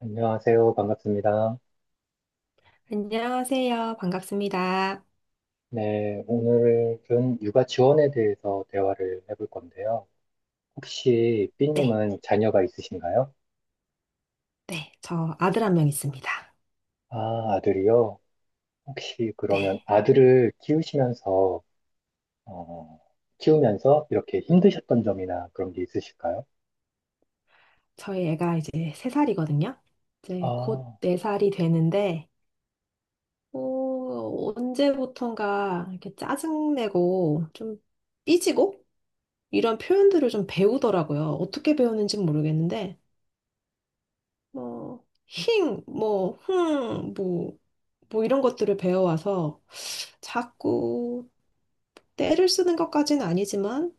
안녕하세요. 반갑습니다. 안녕하세요. 반갑습니다. 네, 오늘은 육아 지원에 대해서 대화를 해볼 건데요. 혹시 네, 삐님은 자녀가 있으신가요? 네. 저 아들 한 명 있습니다. 아, 아들이요? 혹시 그러면 네. 아들을 키우시면서, 어, 키우면서 이렇게 힘드셨던 점이나 그런 게 있으실까요? 저희 애가 이제 세살이거든요. 이제 곧 아, 네살이 되는데, 언제부턴가 이렇게 짜증내고 좀 삐지고 이런 표현들을 좀 배우더라고요. 어떻게 배우는지 모르겠는데, 뭐, 힝, 뭐, 흥, 뭐, 뭐 이런 것들을 배워와서 자꾸 때를 쓰는 것까지는 아니지만,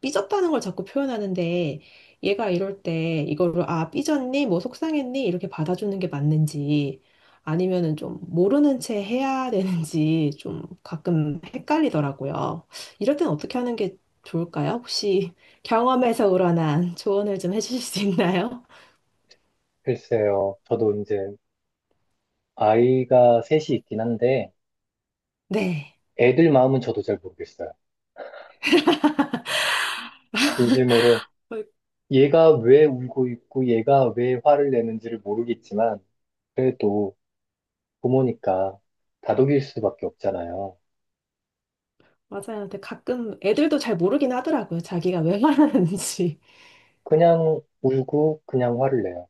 삐졌다는 걸 자꾸 표현하는데 얘가 이럴 때 이거를 아 삐졌니 뭐 속상했니 이렇게 받아주는 게 맞는지 아니면은 좀 모르는 채 해야 되는지 좀 가끔 헷갈리더라고요. 이럴 땐 어떻게 하는 게 좋을까요? 혹시 경험에서 우러난 조언을 좀 해주실 수 있나요? 글쎄요. 저도 이제 아이가 셋이 있긴 한데, 네. 애들 마음은 저도 잘 모르겠어요. 진심으로 얘가 왜 울고 있고 얘가 왜 화를 내는지를 모르겠지만, 그래도 부모니까 다독일 수밖에 없잖아요. 맞아요. 근데 가끔 애들도 잘 모르긴 하더라고요. 자기가 왜 말하는지. 그냥 울고 그냥 화를 내요.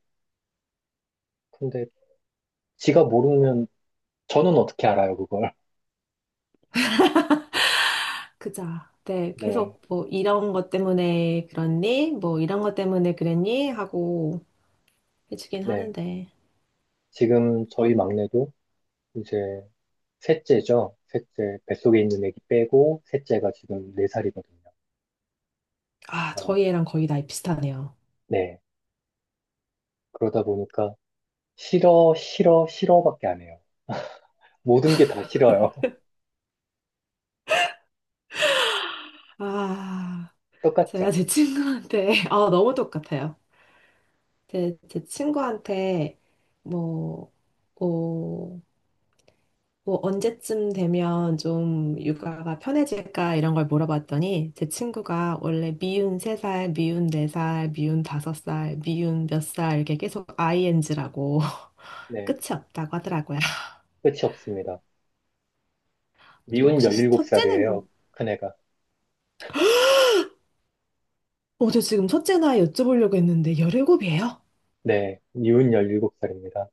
근데 지가 모르면 저는 어떻게 알아요, 그걸. 그자. 네, 네, 계속 뭐 이런 것 때문에 그랬니? 뭐 이런 것 때문에 그랬니? 하고 해주긴 네. 하는데. 지금 저희 막내도 이제 셋째죠. 셋째, 뱃속에 있는 애기 빼고 셋째가 지금 4살이거든요. 아, 저희 애랑 거의 나이 비슷하네요. 네. 그러다 보니까 싫어, 싫어, 싫어밖에 안 해요. 모든 게 다 싫어요. 아, 제가 똑같죠? 제 친구한테, 아, 너무 똑같아요. 제 친구한테, 뭐, 어, 뭐, 언제쯤 되면 좀 육아가 편해질까 이런 걸 물어봤더니 제 친구가 원래 미운 3살, 미운 4살, 미운 5살, 미운 몇 살 이렇게 계속 ING라고 네. 끝이 없다고 하더라고요. 끝이 없습니다. 저 미운 혹시 열 일곱 살이에요 첫째는, 큰애가. 저 지금 첫째 나이 여쭤보려고 했는데, 열일곱이에요. 네, 이혼 17살입니다.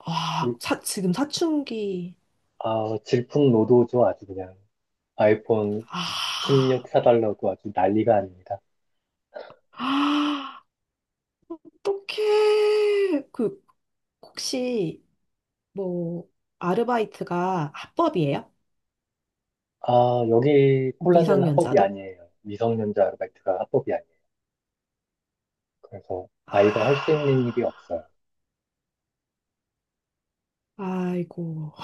아, 지금 사춘기. 아, 질풍노도죠, 아주 그냥. 아이폰 아, 16 사달라고 아주 난리가 아닙니다. 아, 어떡해. 그, 혹시, 뭐, 아르바이트가 합법이에요? 아, 여기 폴란드는 합법이 미성년자도? 아니에요. 미성년자 아르바이트가 합법이 아니에요. 그래서 아, 아이가 할 수 있는 일이 없어요. 아이고.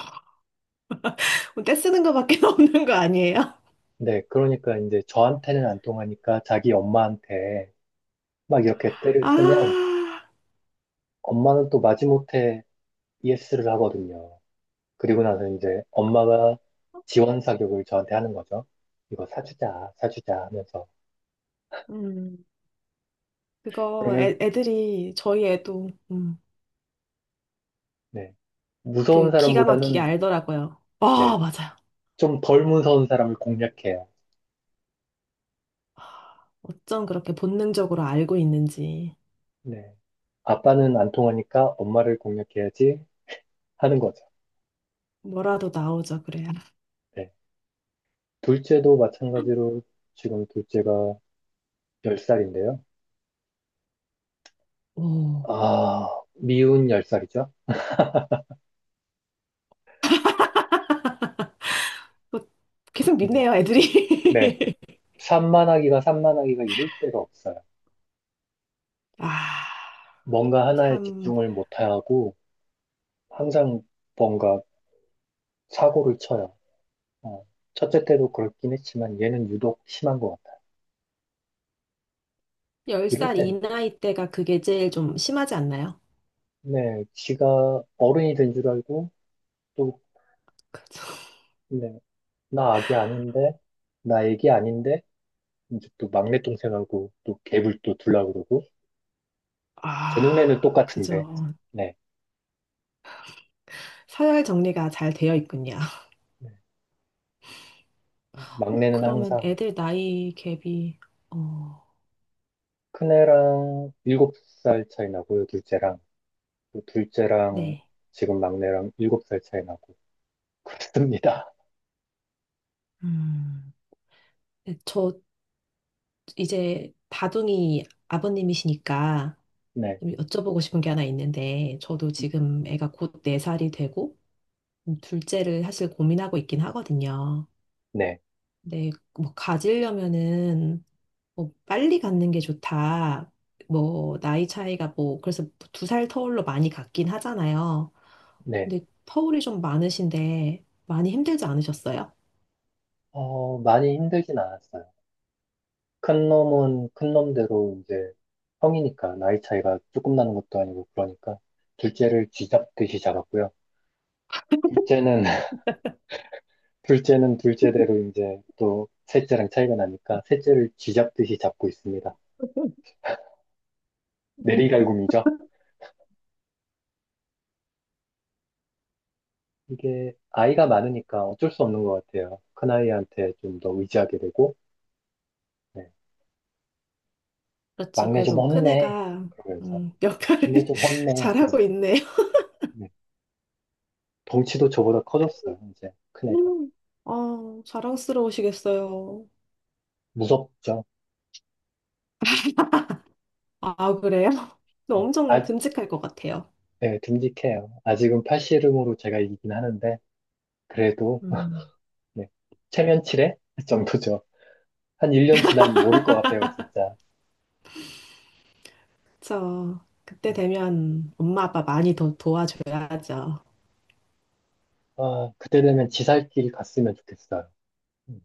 떼 쓰는 거밖에 없는 거 아니에요? 네, 그러니까 이제 저한테는 안 통하니까 자기 엄마한테 막 이렇게 때를 쓰면 아, 엄마는 또 마지못해 ES를 하거든요. 그리고 나서 이제 엄마가 지원 사격을 저한테 하는 거죠. 이거 사주자, 사주자 하면서. 음, 그거 그러면, 애들이, 저희 애도, 네. 무서운 그 기가 막히게 사람보다는, 알더라고요. 아 네, 맞아요. 좀 덜 무서운 사람을 공략해요. 어쩜 그렇게 본능적으로 알고 있는지. 네. 아빠는 안 통하니까 엄마를 공략해야지 하는 거죠. 뭐라도 나오죠, 그래야. 네. 둘째도 마찬가지로 지금 둘째가 10살인데요. 오. 아, 미운 10살이죠. 뭐 계속 네. 믿네요, 네. 애들이. 산만하기가 이룰 데가 없어요. 아, 뭔가 하나에 참. 집중을 못하고 항상 뭔가 사고를 쳐요. 어, 첫째 때도 그렇긴 했지만 얘는 유독 심한 것 같아요. 이럴 10살 이 때는 나이 때가 그게 제일 좀 심하지 않나요? 네, 지가 어른이 된 줄 알고 또 그죠. 네, 나 아기 아닌데 나 애기 아닌데 이제 또 막내 동생하고 또 갭을 또 둘라 그러고 제 아, 눈에는 똑같은데 그죠. 네, 서열 정리가 잘 되어 있군요. 네. 막내는 그러면 항상 애들 나이 갭이, 어, 큰애랑 7살 차이 나고요, 둘째랑 네. 지금 막내랑 7살 차이 나고 그렇습니다. 음. 네, 저 이제 다둥이 아버님이시니까 네, 좀 여쭤보고 싶은 게 하나 있는데, 저도 지금 애가 곧 네 살이 되고, 둘째를 사실 고민하고 있긴 하거든요. 네. 근데 뭐 가지려면은 뭐 빨리 갖는 게 좋다. 뭐 나이 차이가 뭐 그래서 2살 터울로 많이 갖긴 하잖아요. 네. 근데 터울이 좀 많으신데 많이 힘들지 않으셨어요? 많이 힘들진 않았어요. 큰 놈은 큰 놈대로 이제 형이니까 나이 차이가 조금 나는 것도 아니고 그러니까 둘째를 쥐잡듯이 잡았고요. 둘째는 둘째는 둘째대로 이제 또 셋째랑 차이가 나니까 셋째를 쥐잡듯이 잡고 있습니다. 내리갈굼이죠. 이게 아이가 많으니까 어쩔 수 없는 것 같아요. 큰아이한테 좀 더 의지하게 되고 네. 그렇죠. 막내 좀 그래도 혼내 큰애가 그러면서 역할을 막내 좀 혼내 잘하고 그러면서 있네요. 네. 덩치도 저보다 커졌어요. 이제 큰애가. 음, 아, 자랑스러우시겠어요. 무섭죠. 아, 그래요? 네. 엄청 아, 듬직할 것 같아요. 네, 듬직해요. 아직은 팔씨름으로 제가 이기긴 하는데, 그래도, 음. 네. 체면치레? 정도죠. 한 1년 지나면 모를 것 같아요, 진짜. 그쵸. 그때 되면 엄마 아빠 많이 더 도와줘야죠. 아, 그때 되면 지살길 갔으면 좋겠어요. 음,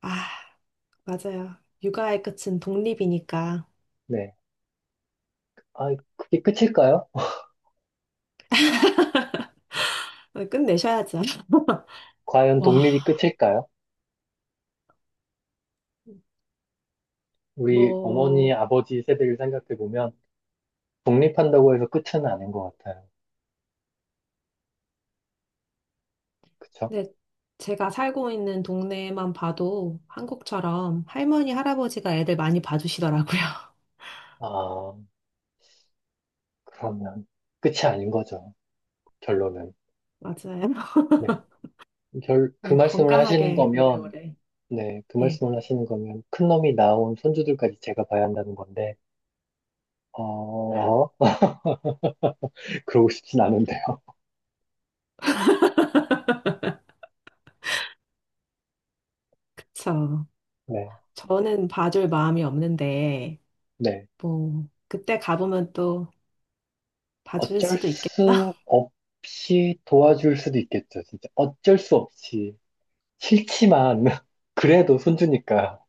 아, 맞아요. 육아의 끝은 독립이니까 네. 아, 그게 끝일까요? 끝내셔야죠. 과연 와, 독립이 끝일까요? 우리 어머니, 뭐, 아버지 세대를 생각해 보면, 독립한다고 해서 끝은 아닌 것 같아요. 그쵸? 네, 제가 살고 있는 동네만 봐도 한국처럼 할머니, 할아버지가 애들 많이 봐주시더라고요. 아, 그러면 끝이 아닌 거죠. 결론은. 맞아요. 네. 그 네, 말씀을 하시는 건강하게 거면, 오래오래. 네, 그 네, 말씀을 하시는 거면 큰 놈이 나온 손주들까지 제가 봐야 한다는 건데, 어, 그러고 싶진 않은데요. 그쵸. 네, 저는 봐줄 마음이 없는데, 네. 뭐, 그때 가보면 또 봐줄 어쩔 수도 있겠죠? 수 없이 도와줄 수도 있겠죠, 진짜. 어쩔 수 없이. 싫지만, 그래도 손주니까.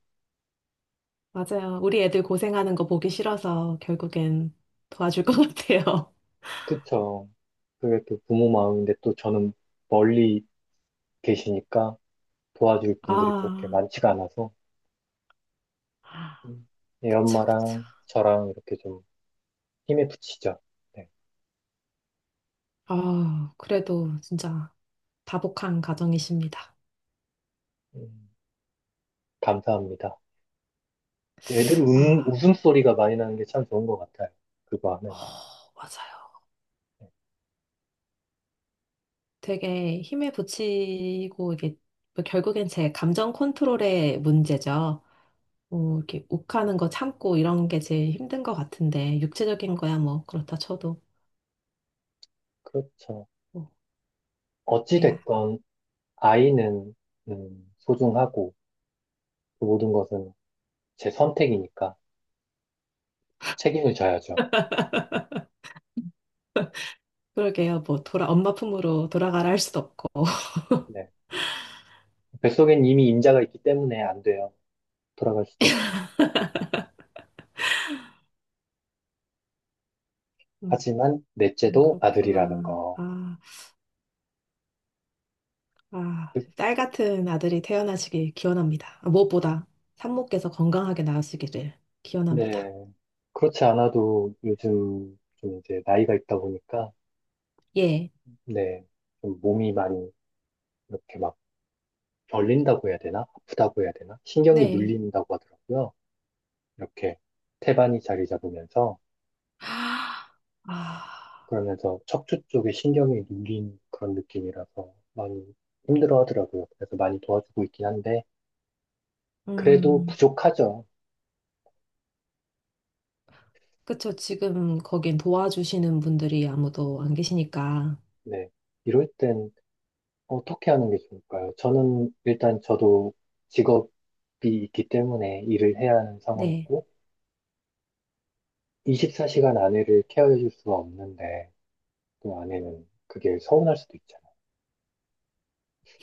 맞아요. 우리 애들 고생하는 거 보기 싫어서 결국엔 도와줄 것 같아요. 그쵸. 그게 또 부모 마음인데 또 저는 멀리 계시니까 도와줄 분들이 그렇게 아, 많지가 않아서, 음, 애 그쵸, 그쵸. 엄마랑 저랑 이렇게 좀 힘에 부치죠. 네. 아, 그래도 진짜 다복한 가정이십니다. 음, 감사합니다. 애들 아, 웃음소리가 많이 나는 게 참 좋은 것 같아요. 그거 어, 하면. 맞아요. 네, 되게 힘에 부치고 이게 뭐 결국엔 제 감정 컨트롤의 문제죠. 뭐 이렇게 욱하는 거 참고 이런 게 제일 힘든 것 같은데 육체적인 거야 뭐 그렇다 쳐도 그렇죠. 뭐, 네, 어찌됐건, 아이는, 소중하고, 그 모든 것은 제 선택이니까 책임을 져야죠. 그러게요. 뭐 돌아 엄마 품으로 돌아가라 할 수도 없고. 네. 뱃속엔 이미 임자가 있기 때문에 안 돼요. 돌아갈 수도 없어요. 음, 하지만, 넷째도 아들이라는 그렇구나. 거. 아, 아, 그- 딸 같은 아들이 태어나시길 기원합니다. 아, 무엇보다 산모께서 건강하게 나으시기를 네. 기원합니다. 그렇지 않아도 요즘 좀 이제 나이가 있다 보니까, 예. 네. 좀 몸이 많이 이렇게 막 벌린다고 해야 되나? 아프다고 해야 되나? 신경이 네. 눌린다고 하더라고요. 이렇게 태반이 자리 잡으면서 아, 아, 그러면서 척추 쪽에 신경이 눌린 그런 느낌이라서 많이 힘들어 하더라고요. 그래서 많이 도와주고 있긴 한데 그래도 음, 부족하죠. 그쵸. 지금 거긴 도와주시는 분들이 아무도 안 계시니까. 네. 이럴 땐 어떻게 하는 게 좋을까요? 저는 일단 저도 직업이 있기 때문에 일을 해야 하는 네. 상황이고 24시간 아내를 케어해 줄 수가 없는데 또 아내는 그게 서운할 수도 있잖아요.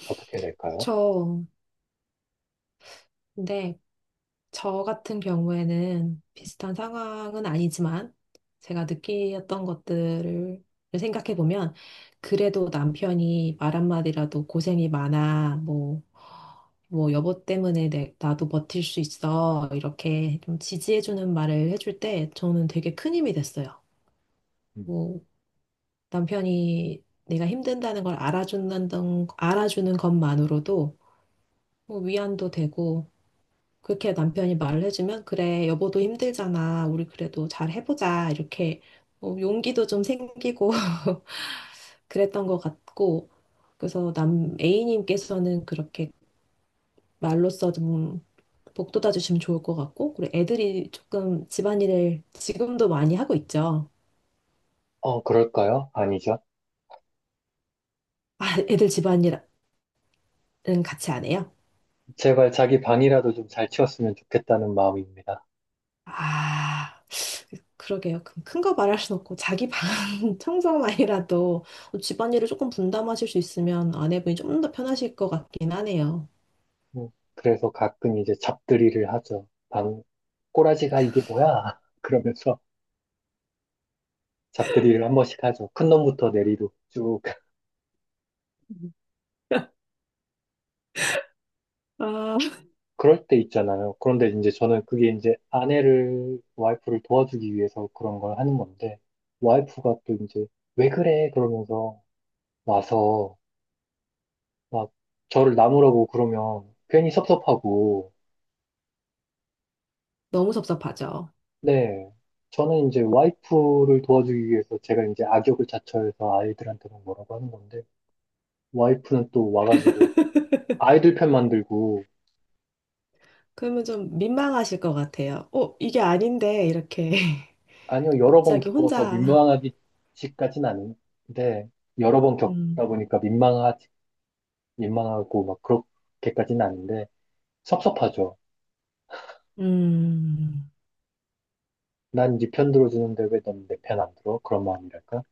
어떻게 해야 될까요? 저, 네. 저 같은 경우에는 비슷한 상황은 아니지만 제가 느끼었던 것들을 생각해 보면 그래도 남편이 말 한마디라도 고생이 많아, 뭐, 뭐 여보 때문에 나도 버틸 수 있어 이렇게 좀 지지해 주는 말을 해줄 때 저는 되게 큰 힘이 됐어요. 음. 뭐 남편이 내가 힘든다는 걸 알아준다는 알아주는 것만으로도 뭐 위안도 되고 그렇게 남편이 말을 해주면, 그래, 여보도 힘들잖아. 우리 그래도 잘 해보자. 이렇게 용기도 좀 생기고 그랬던 것 같고, 그래서 남 A님께서는 그렇게 말로써 좀 복돋아 주시면 좋을 것 같고, 그리고 애들이 조금 집안일을 지금도 많이 하고 있죠. 그럴까요? 아니죠. 아, 애들 집안일은 같이 안 해요? 제발 자기 방이라도 좀 잘 치웠으면 좋겠다는 마음입니다. 아. 그러게요. 큰 거 말할 순 없고 자기 방 청소만이라도 뭐 집안일을 조금 분담하실 수 있으면 아내분이 좀 더 편하실 것 같긴 하네요. 음, 그래서 가끔 이제 잡들이를 하죠. 방, 꼬라지가 이게 뭐야? 그러면서 잡들이를 한 번씩 하죠. 큰 놈부터 내리로 쭉. 아, 그럴 때 있잖아요. 그런데 이제 저는 그게 이제 아내를, 와이프를 도와주기 위해서 그런 걸 하는 건데, 와이프가 또 이제, 왜 그래? 그러면서 와서 막 저를 나무라고 그러면 괜히 섭섭하고, 너무 섭섭하죠. 네. 저는 이제 와이프를 도와주기 위해서 제가 이제 악역을 자처해서 아이들한테는 뭐라고 하는 건데, 와이프는 또 와가지고 아이들 편 만들고, 그러면 좀 민망하실 것 같아요. 어, 이게 아닌데 이렇게 아니요, 여러 번 갑자기 겪어서 혼자 민망하기까지는 아닌데, 여러 번 음, 겪다 보니까 민망하지, 민망하고 막 그렇게까지는 아닌데, 섭섭하죠. 음, 난 네 편 들어주는데 왜 넌 내 편 안 들어? 그런 마음이랄까?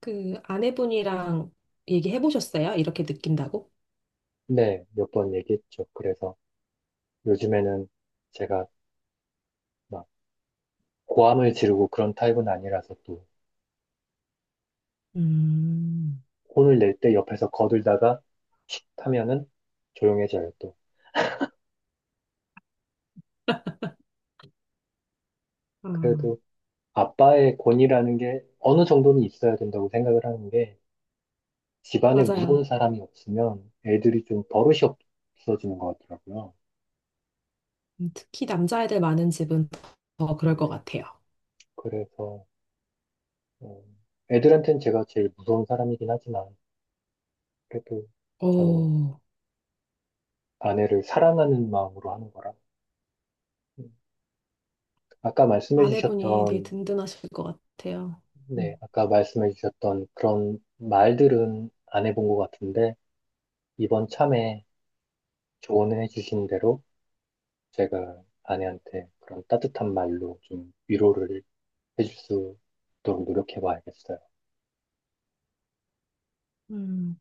그 아내분이랑 얘기해 보셨어요? 이렇게 느낀다고? 네, 몇 번 얘기했죠. 그래서 요즘에는 제가 막 고함을 지르고 그런 타입은 아니라서 또, 음, 혼을 낼 때 옆에서 거들다가 타면은 조용해져요, 또. 아, 그래도 아빠의 권위라는 게 어느 정도는 있어야 된다고 생각을 하는 게 집안에 맞아요. 무서운 사람이 없으면 애들이 좀 버릇이 없어지는 것 같더라고요. 특히 남자애들 많은 집은 더 그럴 것 네. 같아요. 그래서, 어, 애들한테는 제가 제일 무서운 사람이긴 하지만 그래도 저는 어, 아내를 사랑하는 마음으로 하는 거라. 음, 아까 말씀해 아내분이 되게 주셨던, 든든하실 것 같아요. 네, 음, 아까 말씀해 주셨던 그런 말들은 안 해본 것 같은데 이번 참에 조언해 주신 대로 제가 아내한테 그런 따뜻한 말로 좀 위로를 해줄 수 있도록 노력해 봐야겠어요. 음,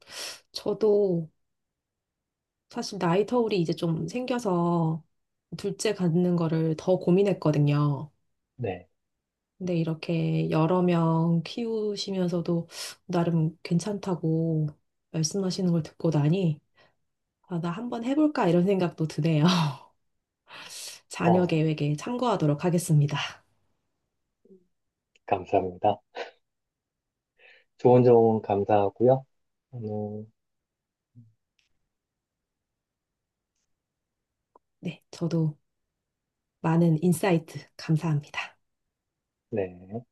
저도 사실 나이 터울이 이제 좀 생겨서 둘째 갖는 거를 더 고민했거든요. 네. 근데 이렇게 여러 명 키우시면서도 나름 괜찮다고 말씀하시는 걸 듣고 나니, 아, 나 한번 해볼까 이런 생각도 드네요. 자녀 어, 계획에 참고하도록 하겠습니다. 감사합니다. 좋은 조언 감사하고요. 오늘, 네, 저도 많은 인사이트 감사합니다. 네.